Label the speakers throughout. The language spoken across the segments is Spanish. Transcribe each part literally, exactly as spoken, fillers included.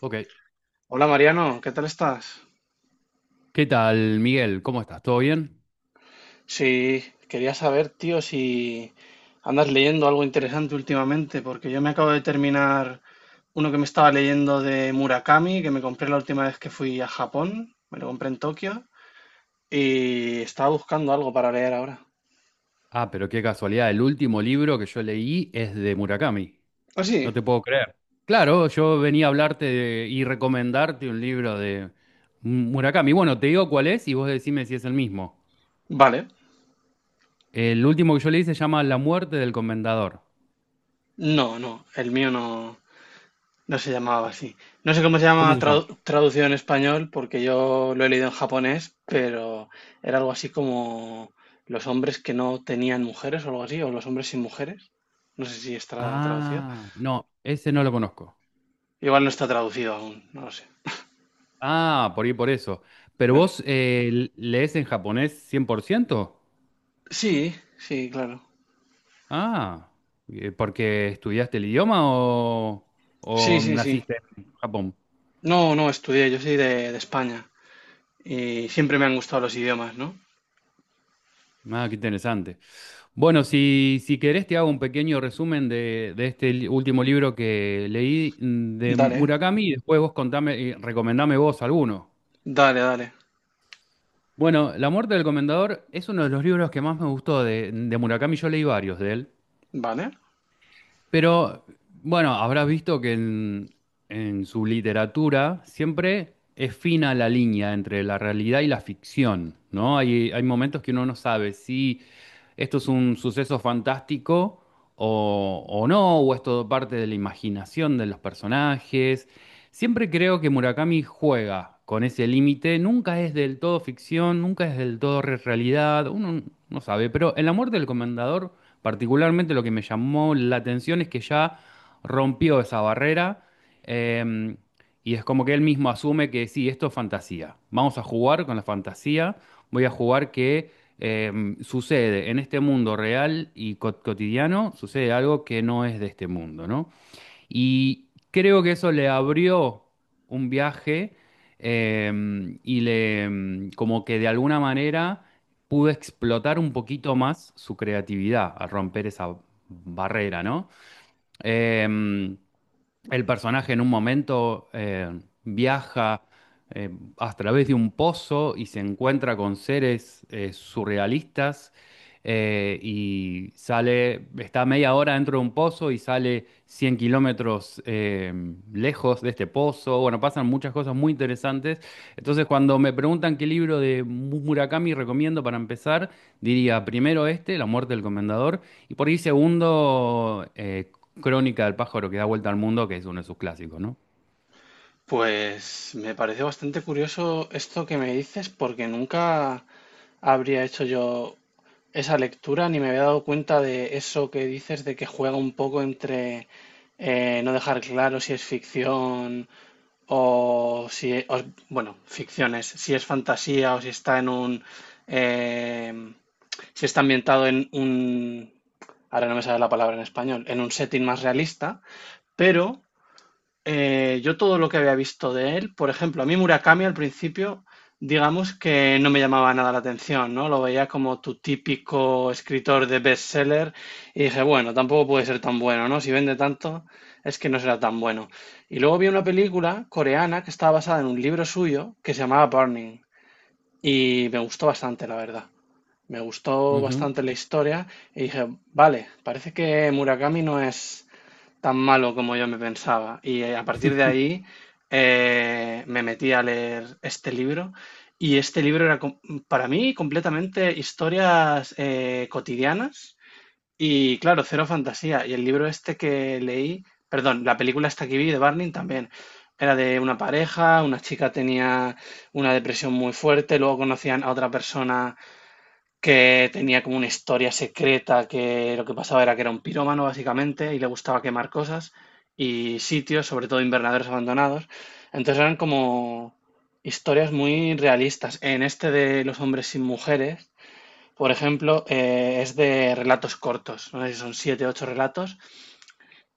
Speaker 1: Ok.
Speaker 2: Hola Mariano, ¿qué tal estás?
Speaker 1: ¿Qué tal, Miguel? ¿Cómo estás? ¿Todo bien?
Speaker 2: Sí, quería saber, tío, si andas leyendo algo interesante últimamente, porque yo me acabo de terminar uno que me estaba leyendo de Murakami, que me compré la última vez que fui a Japón, me lo compré en Tokio, y estaba buscando algo para leer ahora.
Speaker 1: Ah, pero qué casualidad. El último libro que yo leí es de Murakami.
Speaker 2: ¿Ah, sí?
Speaker 1: No te puedo creer. Claro, yo venía a hablarte de- y recomendarte un libro de Murakami. Bueno, te digo cuál es y vos decime si es el mismo.
Speaker 2: Vale.
Speaker 1: El último que yo leí se llama La muerte del comendador.
Speaker 2: No, no, el mío no, no se llamaba así. No sé cómo se
Speaker 1: ¿Cómo
Speaker 2: llama
Speaker 1: se llama?
Speaker 2: tradu- traducido en español, porque yo lo he leído en japonés, pero era algo así como los hombres que no tenían mujeres o algo así, o los hombres sin mujeres. No sé si está traducido.
Speaker 1: Ah, no, ese no lo conozco.
Speaker 2: Igual no está traducido aún, no lo sé.
Speaker 1: Ah, por ahí por eso. ¿Pero
Speaker 2: A ver.
Speaker 1: vos eh, lees en japonés cien por ciento?
Speaker 2: Sí, sí, claro.
Speaker 1: Ah, eh, ¿porque estudiaste el idioma o,
Speaker 2: Sí,
Speaker 1: o
Speaker 2: sí, sí.
Speaker 1: naciste en Japón?
Speaker 2: No, no estudié, yo soy de, de España y siempre me han gustado los idiomas, ¿no?
Speaker 1: Ah, qué interesante. Bueno, si, si querés te hago un pequeño resumen de, de este li- último libro que leí, mm, de
Speaker 2: Dale,
Speaker 1: Murakami, y después vos contame, y recomendame vos alguno.
Speaker 2: dale, dale.
Speaker 1: Bueno, La muerte del comendador es uno de los libros que más me gustó de, de Murakami. Yo leí varios de él.
Speaker 2: Vale.
Speaker 1: Pero bueno, habrás visto que en, en su literatura siempre es fina la línea entre la realidad y la ficción, ¿no? Hay, hay momentos que uno no sabe si esto es un suceso fantástico o, o no, o es todo parte de la imaginación de los personajes. Siempre creo que Murakami juega con ese límite, nunca es del todo ficción, nunca es del todo re- realidad, uno no sabe, pero El amor del comendador, particularmente lo que me llamó la atención, es que ya rompió esa barrera, eh, y es como que él mismo asume que sí, esto es fantasía, vamos a jugar con la fantasía, voy a jugar que, eh, sucede en este mundo real y co- cotidiano, sucede algo que no es de este mundo, ¿no? Y creo que eso le abrió un viaje, em, y le, em, como que de alguna manera pudo explotar un poquito más su creatividad al romper esa barrera, ¿no? Em, el personaje, en un momento, eh, viaja, eh, a través de un pozo, y se encuentra con seres eh, surrealistas, eh, y sale, está media hora dentro de un pozo y sale cien kilómetros eh, lejos de este pozo. Bueno, pasan muchas cosas muy interesantes. Entonces, cuando me preguntan qué libro de Murakami recomiendo para empezar, diría primero este, La muerte del comendador, y por ahí segundo, eh, Crónica del pájaro que da vuelta al mundo, que es uno de sus clásicos, ¿no?
Speaker 2: Pues me parece bastante curioso esto que me dices porque nunca habría hecho yo esa lectura ni me había dado cuenta de eso que dices de que juega un poco entre eh, no dejar claro si es ficción o si, e- o- bueno, ficciones, si es fantasía o si está en un, em, si está ambientado en un, ahora no me sale la palabra en español, en un setting más realista, pero eh, yo todo lo que había visto de él, por ejemplo, a mí Murakami al principio, digamos que no me llamaba nada la atención, ¿no? Lo veía como tu típico escritor de bestseller y dije, bueno, tampoco puede ser tan bueno, ¿no? Si vende tanto, es que no será tan bueno. Y luego vi una película coreana que estaba basada en un libro suyo que se llamaba Burning y me gustó bastante, la verdad. Me gustó
Speaker 1: Ujú,
Speaker 2: bastante la historia y dije, vale, parece que Murakami no es tan malo como yo me pensaba. Y eh, a partir de ahí eh, me metí a leer este libro. Y este libro era com- para mí completamente historias eh, cotidianas y claro, cero fantasía. Y el libro este que leí, perdón, la película esta que vi de Barney también. Era de una pareja, una chica tenía una depresión muy fuerte, luego conocían a otra persona que tenía como una historia secreta, que lo que pasaba era que era un pirómano básicamente y le gustaba quemar cosas y sitios, sobre todo invernaderos abandonados. Entonces eran como historias muy realistas. En este de Los hombres sin mujeres, por ejemplo, eh, es de relatos cortos, no sé si son siete, o ocho relatos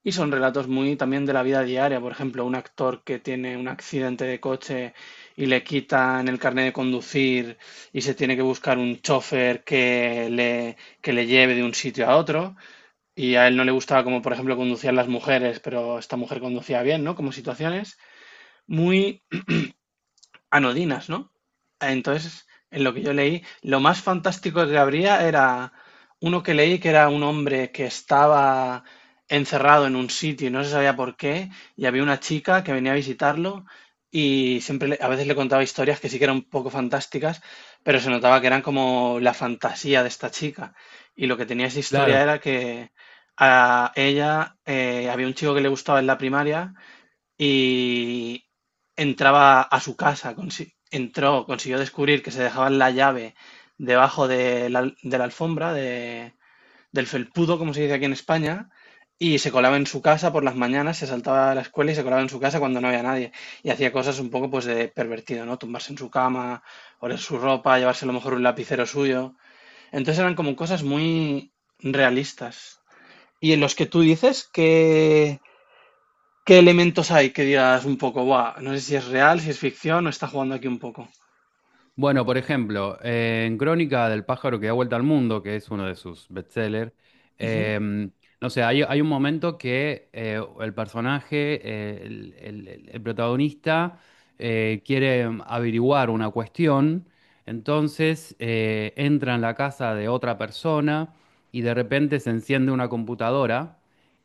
Speaker 2: y son relatos muy también de la vida diaria, por ejemplo, un actor que tiene un accidente de coche y le quitan el carnet de conducir y se tiene que buscar un chofer que le, que le lleve de un sitio a otro. Y a él no le gustaba como, por ejemplo, conducían las mujeres, pero esta mujer conducía bien, ¿no? Como situaciones muy anodinas, ¿no? Entonces, en lo que yo leí, lo más fantástico que habría era uno que leí que era un hombre que estaba encerrado en un sitio y no se sabía por qué, y había una chica que venía a visitarlo y siempre le- a veces le contaba historias que sí que eran un poco fantásticas, pero se notaba que eran como la fantasía de esta chica. Y lo que tenía esa historia
Speaker 1: claro.
Speaker 2: era que a ella eh, había un chico que le gustaba en la primaria y entraba a su casa, consi- entró, consiguió descubrir que se dejaban la llave debajo de la, de la alfombra, de- del felpudo, como se dice aquí en España, y se colaba en su casa por las mañanas, se saltaba a la escuela y se colaba en su casa cuando no había nadie. Y hacía cosas un poco pues de pervertido, ¿no? Tumbarse en su cama, oler su ropa, llevarse a lo mejor un lapicero suyo. Entonces eran como cosas muy realistas. Y en los que tú dices que ¿qué elementos hay que digas un poco, buah, no sé si es real, si es ficción o está jugando aquí un poco?
Speaker 1: Bueno, por ejemplo, eh, en Crónica del pájaro que da vuelta al mundo, que es uno de sus bestsellers,
Speaker 2: Ujú,
Speaker 1: em, no sé, hay, hay un momento que, eh, el personaje, eh, el, el- el- el protagonista, eh, quiere, em, averiguar una cuestión, entonces eh, entra en la casa de otra persona y de repente se enciende una computadora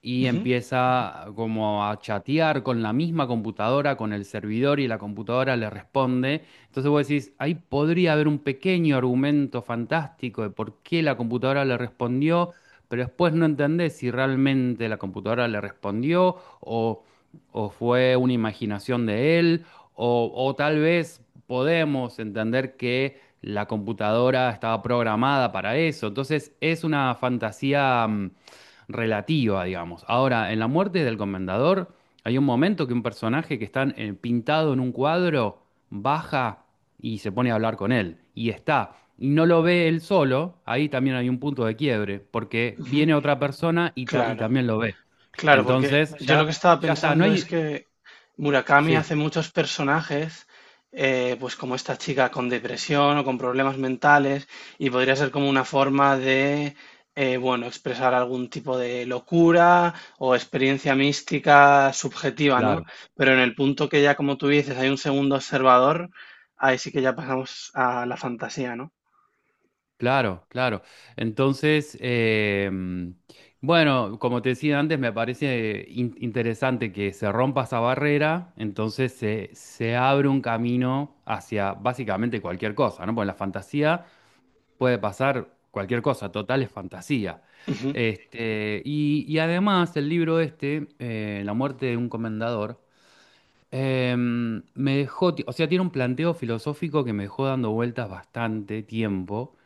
Speaker 1: y
Speaker 2: ujú,
Speaker 1: empieza como a chatear con la misma computadora, con el servidor, y la computadora le responde. Entonces vos decís, ahí podría haber un pequeño argumento fantástico de por qué la computadora le respondió, pero después no entendés si realmente la computadora le respondió, o, o fue una imaginación de él, o, o tal vez podemos entender que la computadora estaba programada para eso. Entonces, es una fantasía mm, relativa, digamos. Ahora, en La muerte del comendador, hay un momento que un personaje que está eh, pintado en un cuadro baja y se pone a hablar con él. Y está. Y no lo ve él solo, ahí también hay un punto de quiebre, porque
Speaker 2: ujú.
Speaker 1: viene otra persona y, ta- y
Speaker 2: Claro.
Speaker 1: también lo ve.
Speaker 2: Claro, porque
Speaker 1: Entonces,
Speaker 2: yo lo
Speaker 1: ya,
Speaker 2: que estaba
Speaker 1: ya está, no
Speaker 2: pensando es
Speaker 1: hay.
Speaker 2: que Murakami hace
Speaker 1: Sí,
Speaker 2: muchos personajes, eh, pues como esta chica con depresión o con problemas mentales, y podría ser como una forma de, eh, bueno, expresar algún tipo de locura o experiencia mística subjetiva, ¿no?
Speaker 1: claro,
Speaker 2: Pero en el punto que ya, como tú dices, hay un segundo observador, ahí sí que ya pasamos a la fantasía, ¿no?
Speaker 1: claro, claro. Entonces, eh, bueno, como te decía antes, me parece in- interesante que se rompa esa barrera, entonces se, se abre un camino hacia básicamente cualquier cosa, ¿no? Porque la fantasía. Puede pasar cualquier cosa, total es fantasía.
Speaker 2: Ujú,
Speaker 1: Este, y, y además el libro este, eh, La muerte de un comendador, eh, me dejó, ti- o sea, tiene un planteo filosófico que me dejó dando vueltas bastante tiempo,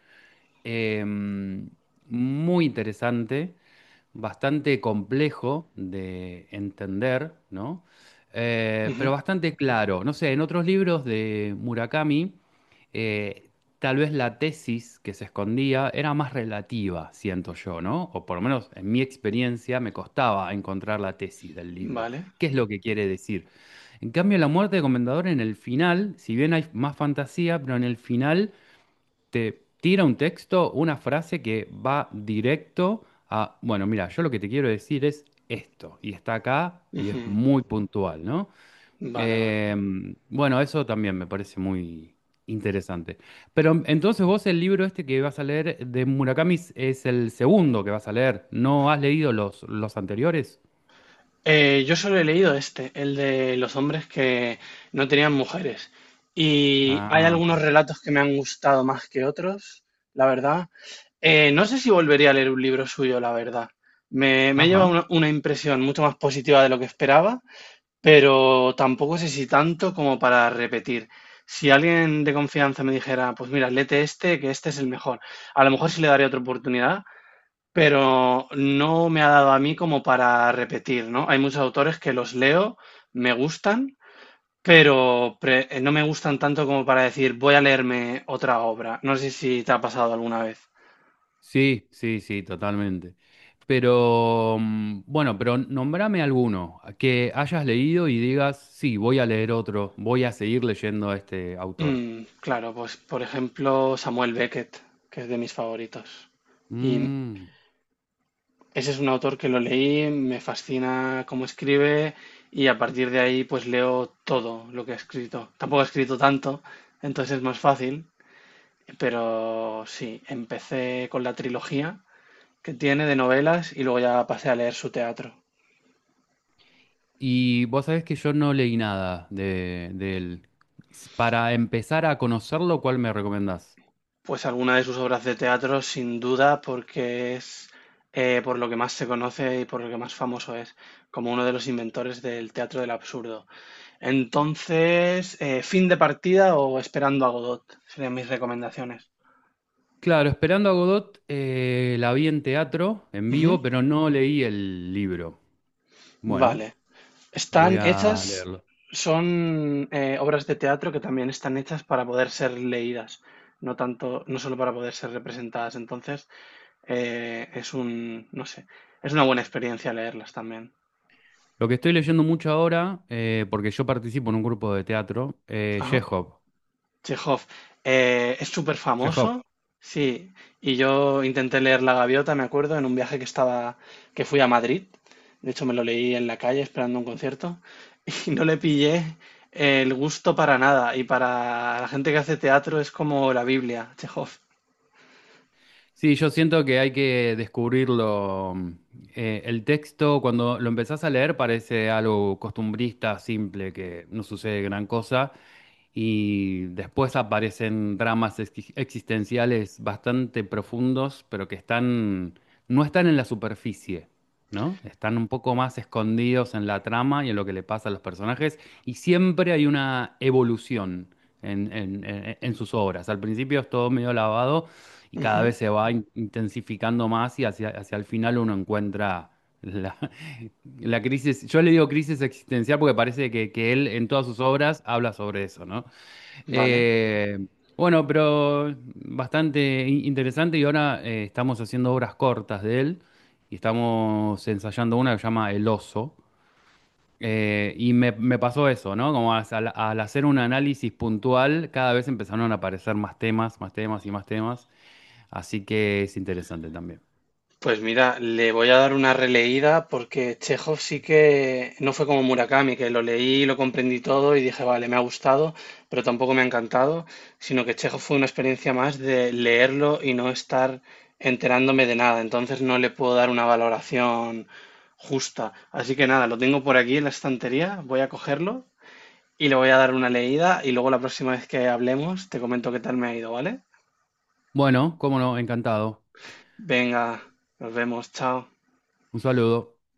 Speaker 1: eh, muy interesante, bastante complejo de entender, ¿no? Eh, pero
Speaker 2: ujú,
Speaker 1: bastante claro. No sé, en otros libros de Murakami, eh, tal vez la tesis que se escondía era más relativa, siento yo, ¿no? O por lo menos en mi experiencia me costaba encontrar la tesis del libro.
Speaker 2: vale,
Speaker 1: ¿Qué es lo que quiere decir? En cambio, La muerte de Comendador, en el final, si bien hay más fantasía, pero en el final te tira un texto, una frase que va directo a, bueno, mira, yo lo que te quiero decir es esto, y está acá, y es
Speaker 2: ujú,
Speaker 1: muy puntual, ¿no?
Speaker 2: vale, vale.
Speaker 1: Eh, bueno, eso también me parece muy interesante. Pero entonces, vos el libro este que vas a leer de Murakami es es el segundo que vas a leer, ¿no has leído los, los anteriores?
Speaker 2: Eh, yo solo he leído este, el de los hombres que no tenían mujeres. Y hay
Speaker 1: Ah,
Speaker 2: algunos
Speaker 1: ok.
Speaker 2: relatos que me han gustado más que otros, la verdad. Eh, no sé si volvería a leer un libro suyo, la verdad. Me, me lleva
Speaker 1: Ajá.
Speaker 2: una, una impresión mucho más positiva de lo que esperaba, pero tampoco sé si tanto como para repetir. Si alguien de confianza me dijera, pues mira, léete este, que este es el mejor, a lo mejor sí le daría otra oportunidad, pero no me ha dado a mí como para repetir, ¿no? Hay muchos autores que los leo, me gustan, pero pre- eh, no me gustan tanto como para decir voy a leerme otra obra. No sé si te ha pasado alguna vez.
Speaker 1: Sí, sí, sí, totalmente. Pero mm, bueno, pero nombrame alguno que hayas leído y digas, sí, voy a leer otro, voy a seguir leyendo a este autor.
Speaker 2: Mm, claro, pues por ejemplo Samuel Beckett, que es de mis favoritos. Y
Speaker 1: Mm,
Speaker 2: ese es un autor que lo leí, me fascina cómo escribe y a partir de ahí pues leo todo lo que ha escrito. Tampoco ha escrito tanto, entonces es más fácil, pero sí, empecé con la trilogía que tiene de novelas y luego ya pasé a leer su teatro.
Speaker 1: Y vos sabés que yo no leí nada de, de él. Para empezar a conocerlo, ¿cuál me recomendás?
Speaker 2: Pues alguna de sus obras de teatro, sin duda, porque es eh, por lo que más se conoce y por lo que más famoso es, como uno de los inventores del teatro del absurdo. Entonces, eh, Fin de partida o Esperando a Godot serían mis recomendaciones.
Speaker 1: Claro, Esperando a Godot, eh, la vi en teatro, en
Speaker 2: Ujú.
Speaker 1: vivo, pero no leí el libro.
Speaker 2: Vale,
Speaker 1: Bueno,
Speaker 2: están
Speaker 1: voy a
Speaker 2: hechas,
Speaker 1: leerlo.
Speaker 2: son eh, obras de teatro que también están hechas para poder ser leídas, no tanto, no solo para poder ser representadas. Entonces, eh, es un, no sé, es una buena experiencia leerlas también.
Speaker 1: Lo que estoy leyendo mucho ahora, eh, porque yo participo en un grupo de teatro, eh,
Speaker 2: Ajá.
Speaker 1: Chekhov.
Speaker 2: Chekhov, eh, es súper
Speaker 1: Chekhov,
Speaker 2: famoso, sí. Y yo intenté leer La Gaviota, me acuerdo, en un viaje que estaba, que fui a Madrid. De hecho, me lo leí en la calle esperando un concierto. Y no le pillé el gusto para nada. Y para la gente que hace teatro es como la Biblia, Chekhov.
Speaker 1: sí, yo siento que hay que descubrirlo. mm, Eh, el texto, cuando lo empezás a leer, parece algo costumbrista, simple, que no sucede gran cosa. Y después aparecen dramas ex- existenciales bastante profundos, pero que están, no están en la superficie, ¿no? Están un poco más escondidos en la trama y en lo que le pasa a los personajes. Y siempre hay una evolución en, en en- en sus obras. Al principio es todo medio lavado y cada
Speaker 2: Ujú,
Speaker 1: vez se va in- intensificando más, y hacia, hacia el final uno encuentra la, la crisis. Yo le digo crisis existencial porque parece que, que él, en todas sus obras, habla sobre eso, ¿no?
Speaker 2: vale.
Speaker 1: Eh, bueno, pero bastante in- interesante, y ahora eh, estamos haciendo obras cortas de él, y estamos ensayando una que se llama El oso. Eh, y me, me pasó eso, ¿no? Como, as- al, al hacer un análisis puntual, cada vez empezaron a aparecer más temas, más temas y más temas. Así que es interesante también.
Speaker 2: Pues mira, le voy a dar una releída porque Chekhov sí que no fue como Murakami, que lo leí, lo comprendí todo y dije, vale, me ha gustado, pero tampoco me ha encantado, sino que Chekhov fue una experiencia más de leerlo y no estar enterándome de nada. Entonces no le puedo dar una valoración justa. Así que nada, lo tengo por aquí en la estantería, voy a cogerlo y le voy a dar una leída y luego la próxima vez que hablemos te comento qué tal me ha ido, ¿vale?
Speaker 1: Bueno, cómo no, encantado.
Speaker 2: Venga, nos vemos, chao.
Speaker 1: Un saludo.